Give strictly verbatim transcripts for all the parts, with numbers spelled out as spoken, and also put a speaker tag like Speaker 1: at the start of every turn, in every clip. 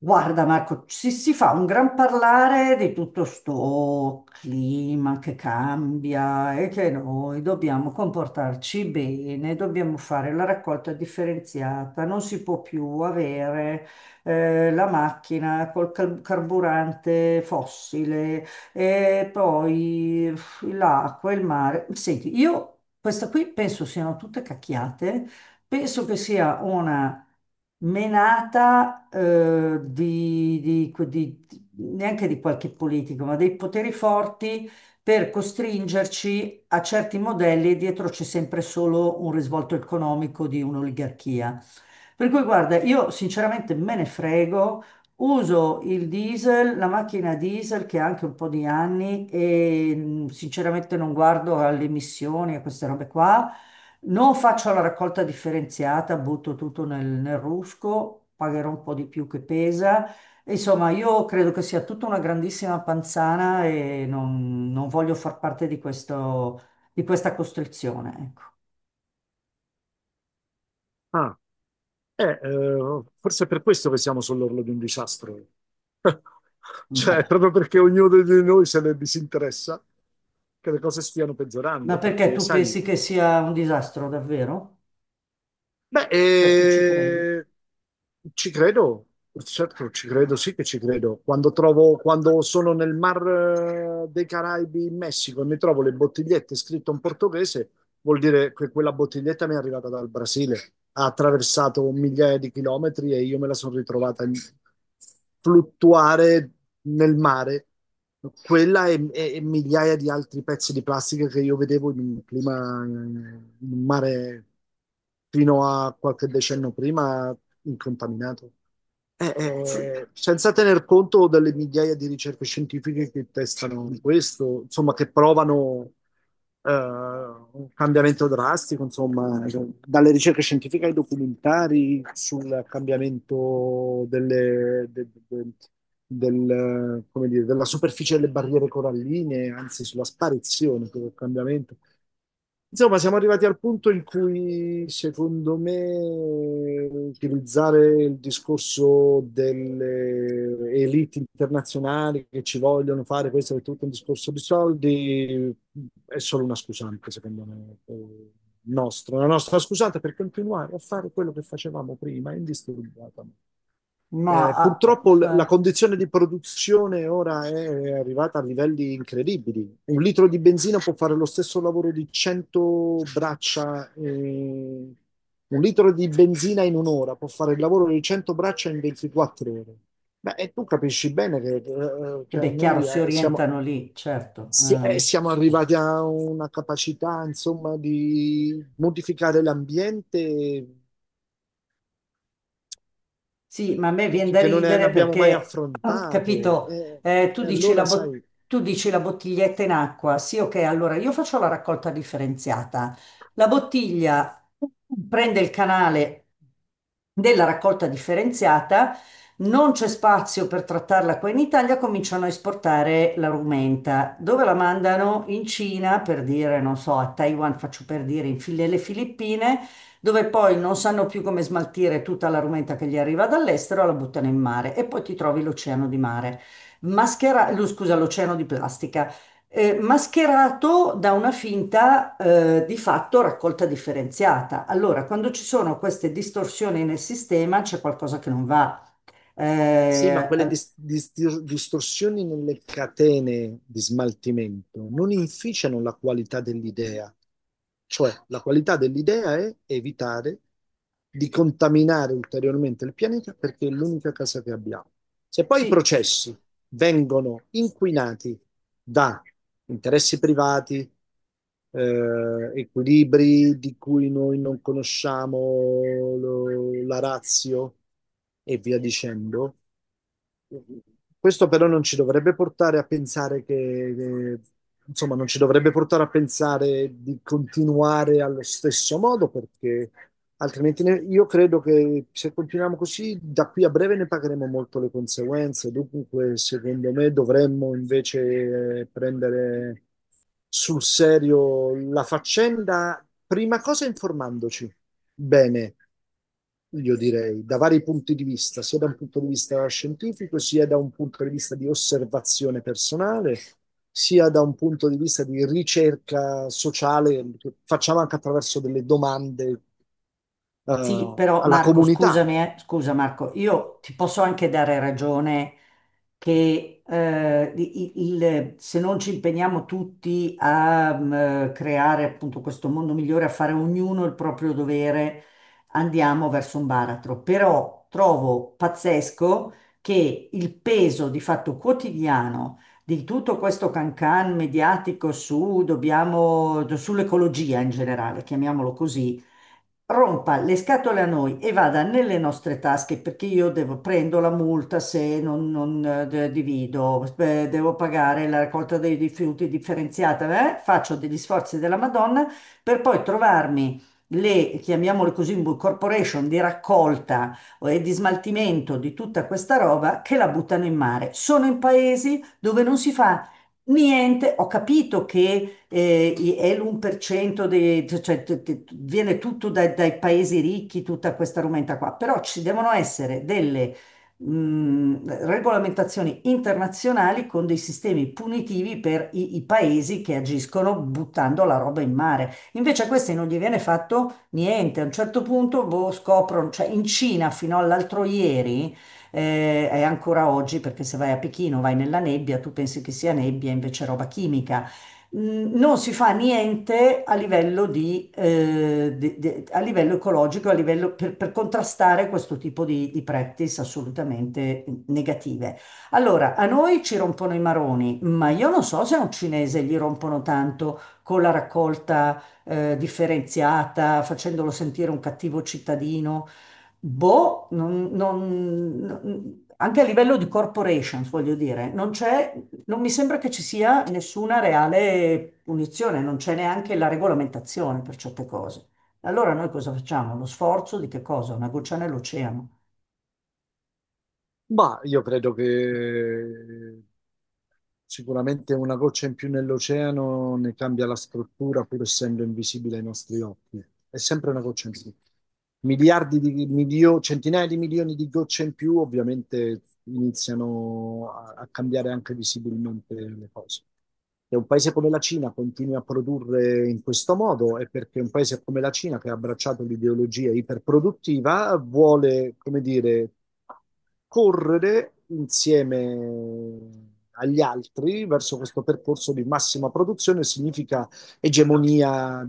Speaker 1: Guarda Marco, si, si fa un gran parlare di tutto sto clima che cambia e che noi dobbiamo comportarci bene, dobbiamo fare la raccolta differenziata, non si può più avere eh, la macchina col car- carburante fossile e poi uff, l'acqua, il mare. Senti, io questa qui penso siano tutte cacchiate, penso che sia una menata, eh, di, di- di- neanche di qualche politico, ma dei poteri forti per costringerci a certi modelli e dietro c'è sempre solo un risvolto economico di un'oligarchia. Per cui guarda, io sinceramente me ne frego, uso il diesel, la macchina diesel che ha anche un po' di anni e, mh, sinceramente non guardo alle emissioni, a queste robe qua. Non faccio la raccolta differenziata, butto tutto nel, nel rusco, pagherò un po' di più che pesa. Insomma, io credo che sia tutta una grandissima panzana e non, non voglio far parte di questo, di questa costrizione, ecco.
Speaker 2: Ah, eh, eh, forse è per questo che siamo sull'orlo di un disastro. Cioè,
Speaker 1: Boh.
Speaker 2: proprio perché ognuno di noi se ne disinteressa, che le cose stiano
Speaker 1: Ma
Speaker 2: peggiorando,
Speaker 1: perché
Speaker 2: perché,
Speaker 1: tu
Speaker 2: sai,
Speaker 1: pensi che sia un disastro, davvero?
Speaker 2: Beh,
Speaker 1: Cioè, tu ci credi?
Speaker 2: eh, ci credo, certo, ci
Speaker 1: No.
Speaker 2: credo, sì che ci credo. Quando trovo, quando sono nel Mar eh, dei Caraibi in Messico e mi trovo le bottigliette scritte in portoghese, vuol dire che quella bottiglietta mi è arrivata dal Brasile, ha attraversato migliaia di chilometri e io me la sono ritrovata in- fluttuare nel mare. Quella e, e- e migliaia di altri pezzi di plastica che io vedevo in un clima, in un mare fino a qualche decennio prima incontaminato. Eh,
Speaker 1: Sì,
Speaker 2: eh, senza tener conto delle migliaia di ricerche scientifiche che testano questo, insomma, che provano eh, un cambiamento drastico, insomma, dalle ricerche scientifiche ai documentari sul cambiamento delle, de- de- del, come dire, della superficie delle barriere coralline, anzi sulla sparizione, del cambiamento. Insomma, siamo arrivati al punto in cui, secondo me, utilizzare il discorso delle elite internazionali che ci vogliono fare questo è tutto un discorso di soldi, è solo una scusante, secondo me, eh, nostra, una nostra scusante per continuare a fare quello che facevamo prima, indisturbata.
Speaker 1: ma...
Speaker 2: Eh,
Speaker 1: ah,
Speaker 2: purtroppo l- la
Speaker 1: eh,
Speaker 2: condizione di produzione ora è arrivata a livelli incredibili. Un litro di benzina può fare lo stesso lavoro di cento braccia. Eh, un litro di benzina in un'ora può fare il lavoro di cento braccia in ventiquattro ore. Beh, e tu capisci bene che, eh,
Speaker 1: e
Speaker 2: che a
Speaker 1: beh, chiaro,
Speaker 2: noi
Speaker 1: si
Speaker 2: eh, siamo,
Speaker 1: orientano lì, certo.
Speaker 2: si-
Speaker 1: Eh.
Speaker 2: eh, siamo arrivati a una capacità, insomma, di modificare l'ambiente
Speaker 1: Sì, ma a me
Speaker 2: che,
Speaker 1: viene
Speaker 2: che-
Speaker 1: da
Speaker 2: che non ne
Speaker 1: ridere
Speaker 2: abbiamo mai
Speaker 1: perché, ah,
Speaker 2: affrontato.
Speaker 1: capito,
Speaker 2: E,
Speaker 1: eh, tu
Speaker 2: e
Speaker 1: dici la
Speaker 2: allora, sai,
Speaker 1: bot- tu dici la bottiglietta in acqua. Sì, ok, allora io faccio la raccolta differenziata. La bottiglia prende il canale della raccolta differenziata, non c'è spazio per trattarla qua in Italia, cominciano a esportare la rumenta. Dove la mandano? In Cina, per dire, non so, a Taiwan, faccio per dire, in Fili- le Filippine dove poi non sanno più come smaltire tutta la rumenta che gli arriva dall'estero, la buttano in mare e poi ti trovi l'oceano di mare, maschera, lo- scusa, l'oceano di plastica, eh, mascherato da una finta, eh, di fatto raccolta differenziata. Allora, quando ci sono queste distorsioni nel sistema, c'è qualcosa che non va.
Speaker 2: sì, ma
Speaker 1: Eh,
Speaker 2: quelle dis- dis- distorsioni nelle catene di smaltimento non inficiano la qualità dell'idea. Cioè, la qualità dell'idea è evitare di contaminare ulteriormente il pianeta perché è l'unica casa che abbiamo. Se poi i
Speaker 1: sì.
Speaker 2: processi vengono inquinati da interessi privati, eh, equilibri di cui noi non conosciamo lo- la ratio e via dicendo, questo però non ci dovrebbe portare a pensare che, che- insomma, non ci dovrebbe portare a pensare di continuare allo stesso modo, perché altrimenti ne- io credo che se continuiamo così, da qui a breve ne pagheremo molto le conseguenze. Dunque, secondo me, dovremmo invece eh, prendere sul serio la faccenda, prima cosa informandoci bene io direi, da vari punti di vista, sia da un punto di vista scientifico, sia da un punto di vista di osservazione personale, sia da un punto di vista di ricerca sociale, che facciamo anche attraverso delle domande,
Speaker 1: Sì,
Speaker 2: eh,
Speaker 1: però
Speaker 2: alla
Speaker 1: Marco,
Speaker 2: comunità.
Speaker 1: scusami, eh, scusa Marco, io ti posso anche dare ragione che eh, i- i- il- se non ci impegniamo tutti a, mm, creare appunto questo mondo migliore, a fare ognuno il proprio dovere, andiamo verso un baratro. Però trovo pazzesco che il peso di fatto quotidiano di tutto questo cancan mediatico su, dobbiamo, sull'ecologia in generale, chiamiamolo così, rompa le scatole a noi e vada nelle nostre tasche perché io devo, prendo la multa se non, non, eh, de- divido, eh, devo pagare la raccolta dei rifiuti differenziata, eh, faccio degli sforzi della Madonna per poi trovarmi le, chiamiamole così, bu- corporation di raccolta e di smaltimento di tutta questa roba che la buttano in mare. Sono in paesi dove non si fa niente, ho capito che eh, i- è l'uno per cento dei, cioè, t- t- viene tutto dai dai paesi ricchi, tutta questa rumenta qua, però ci devono essere delle, mh, regolamentazioni internazionali con dei sistemi punitivi per i, i paesi che agiscono buttando la roba in mare. Invece a questi non gli viene fatto niente. A un certo punto boh, scoprono, cioè in Cina fino all'altro ieri, eh, e ancora oggi, perché se vai a Pechino, vai nella nebbia, tu pensi che sia nebbia, invece è roba chimica, mh, non si fa niente a livello di, eh, di- di- a livello ecologico, a livello per, per contrastare questo tipo di, di practice assolutamente negative. Allora, a noi ci rompono i maroni, ma io non so se a un cinese gli rompono tanto con la raccolta, eh, differenziata, facendolo sentire un cattivo cittadino. Boh, non- non- non- anche a livello di corporations, voglio dire, non c'è non mi sembra che ci sia nessuna reale punizione, non c'è neanche la regolamentazione per certe cose. Allora noi cosa facciamo? Lo sforzo di che cosa? Una goccia nell'oceano.
Speaker 2: Ma io credo che sicuramente una goccia in più nell'oceano ne cambia la struttura, pur essendo invisibile ai nostri occhi. È sempre una goccia in più. Miliardi di milio- centinaia di milioni di gocce in più, ovviamente iniziano a, a cambiare anche visibilmente le cose. E un paese come la Cina continua a produrre in questo modo è perché un paese come la Cina, che ha abbracciato l'ideologia iperproduttiva, vuole, come dire, correre insieme agli altri verso questo percorso di massima produzione significa egemonia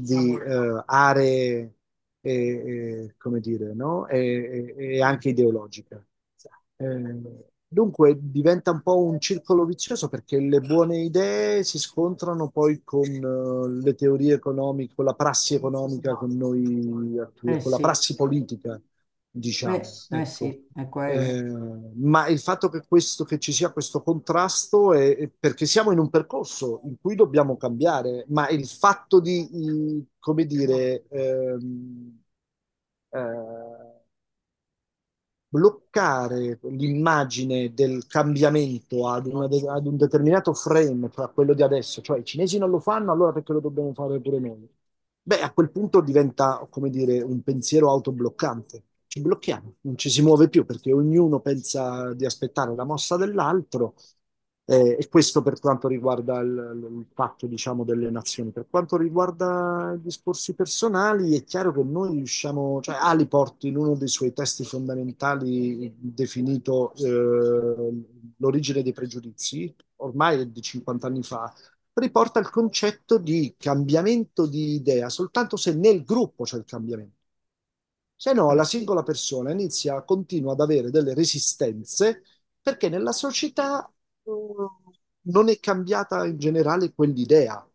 Speaker 2: di eh, aree, e, e, come dire, no? e, e e anche ideologica. Eh, dunque diventa un po' un circolo vizioso perché le buone idee si scontrano poi con eh, le teorie economiche, con la prassi economica con noi,
Speaker 1: Eh
Speaker 2: con la
Speaker 1: sì,
Speaker 2: prassi politica diciamo,
Speaker 1: eh, eh
Speaker 2: ecco.
Speaker 1: sì, è
Speaker 2: Eh,
Speaker 1: quello.
Speaker 2: ma il fatto che, questo, che ci sia questo contrasto è, è perché siamo in un percorso in cui dobbiamo cambiare, ma il fatto di, eh, come dire, ehm, eh, bloccare l'immagine del cambiamento ad, una de- ad un determinato frame, cioè a quello di adesso, cioè i cinesi non lo fanno, allora perché lo dobbiamo fare pure noi? Beh, a quel punto diventa, come dire, un pensiero autobloccante. Ci blocchiamo, non ci si muove più perché ognuno pensa di aspettare la mossa dell'altro eh, e questo per quanto riguarda il, il patto, diciamo, delle nazioni. Per quanto riguarda i discorsi personali, è chiaro che noi riusciamo, cioè Aliport in uno dei suoi testi fondamentali definito eh, L'origine dei pregiudizi, ormai è di cinquanta anni fa, riporta il concetto di cambiamento di idea soltanto se nel gruppo c'è il cambiamento. Se no, la
Speaker 1: Vabbè.
Speaker 2: singola persona inizia, continua ad avere delle resistenze perché nella società eh, non è cambiata in generale quell'idea.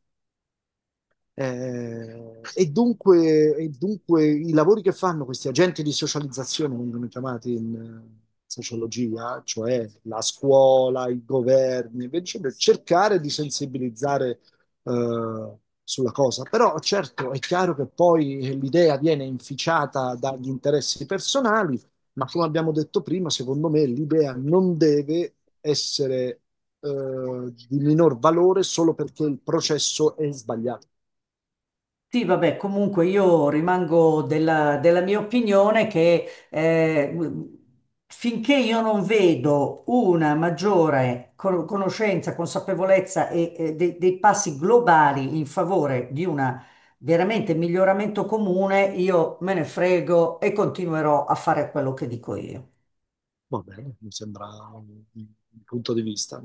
Speaker 2: Eh, e dunque, e dunque i lavori che fanno questi agenti di socializzazione vengono chiamati in eh, sociologia, cioè la scuola, i governi, invece per cercare di sensibilizzare eh, sulla cosa. Però certo è chiaro che poi l'idea viene inficiata dagli interessi personali, ma come abbiamo detto prima, secondo me l'idea non deve essere eh, di minor valore solo perché il processo è sbagliato.
Speaker 1: Sì, vabbè, comunque io rimango della, della mia opinione che eh, finché io non vedo una maggiore co- conoscenza, consapevolezza e, e dei, dei passi globali in favore di un veramente miglioramento comune, io me ne frego e continuerò a fare quello che dico io.
Speaker 2: Va bene, mi sembra un un punto di vista.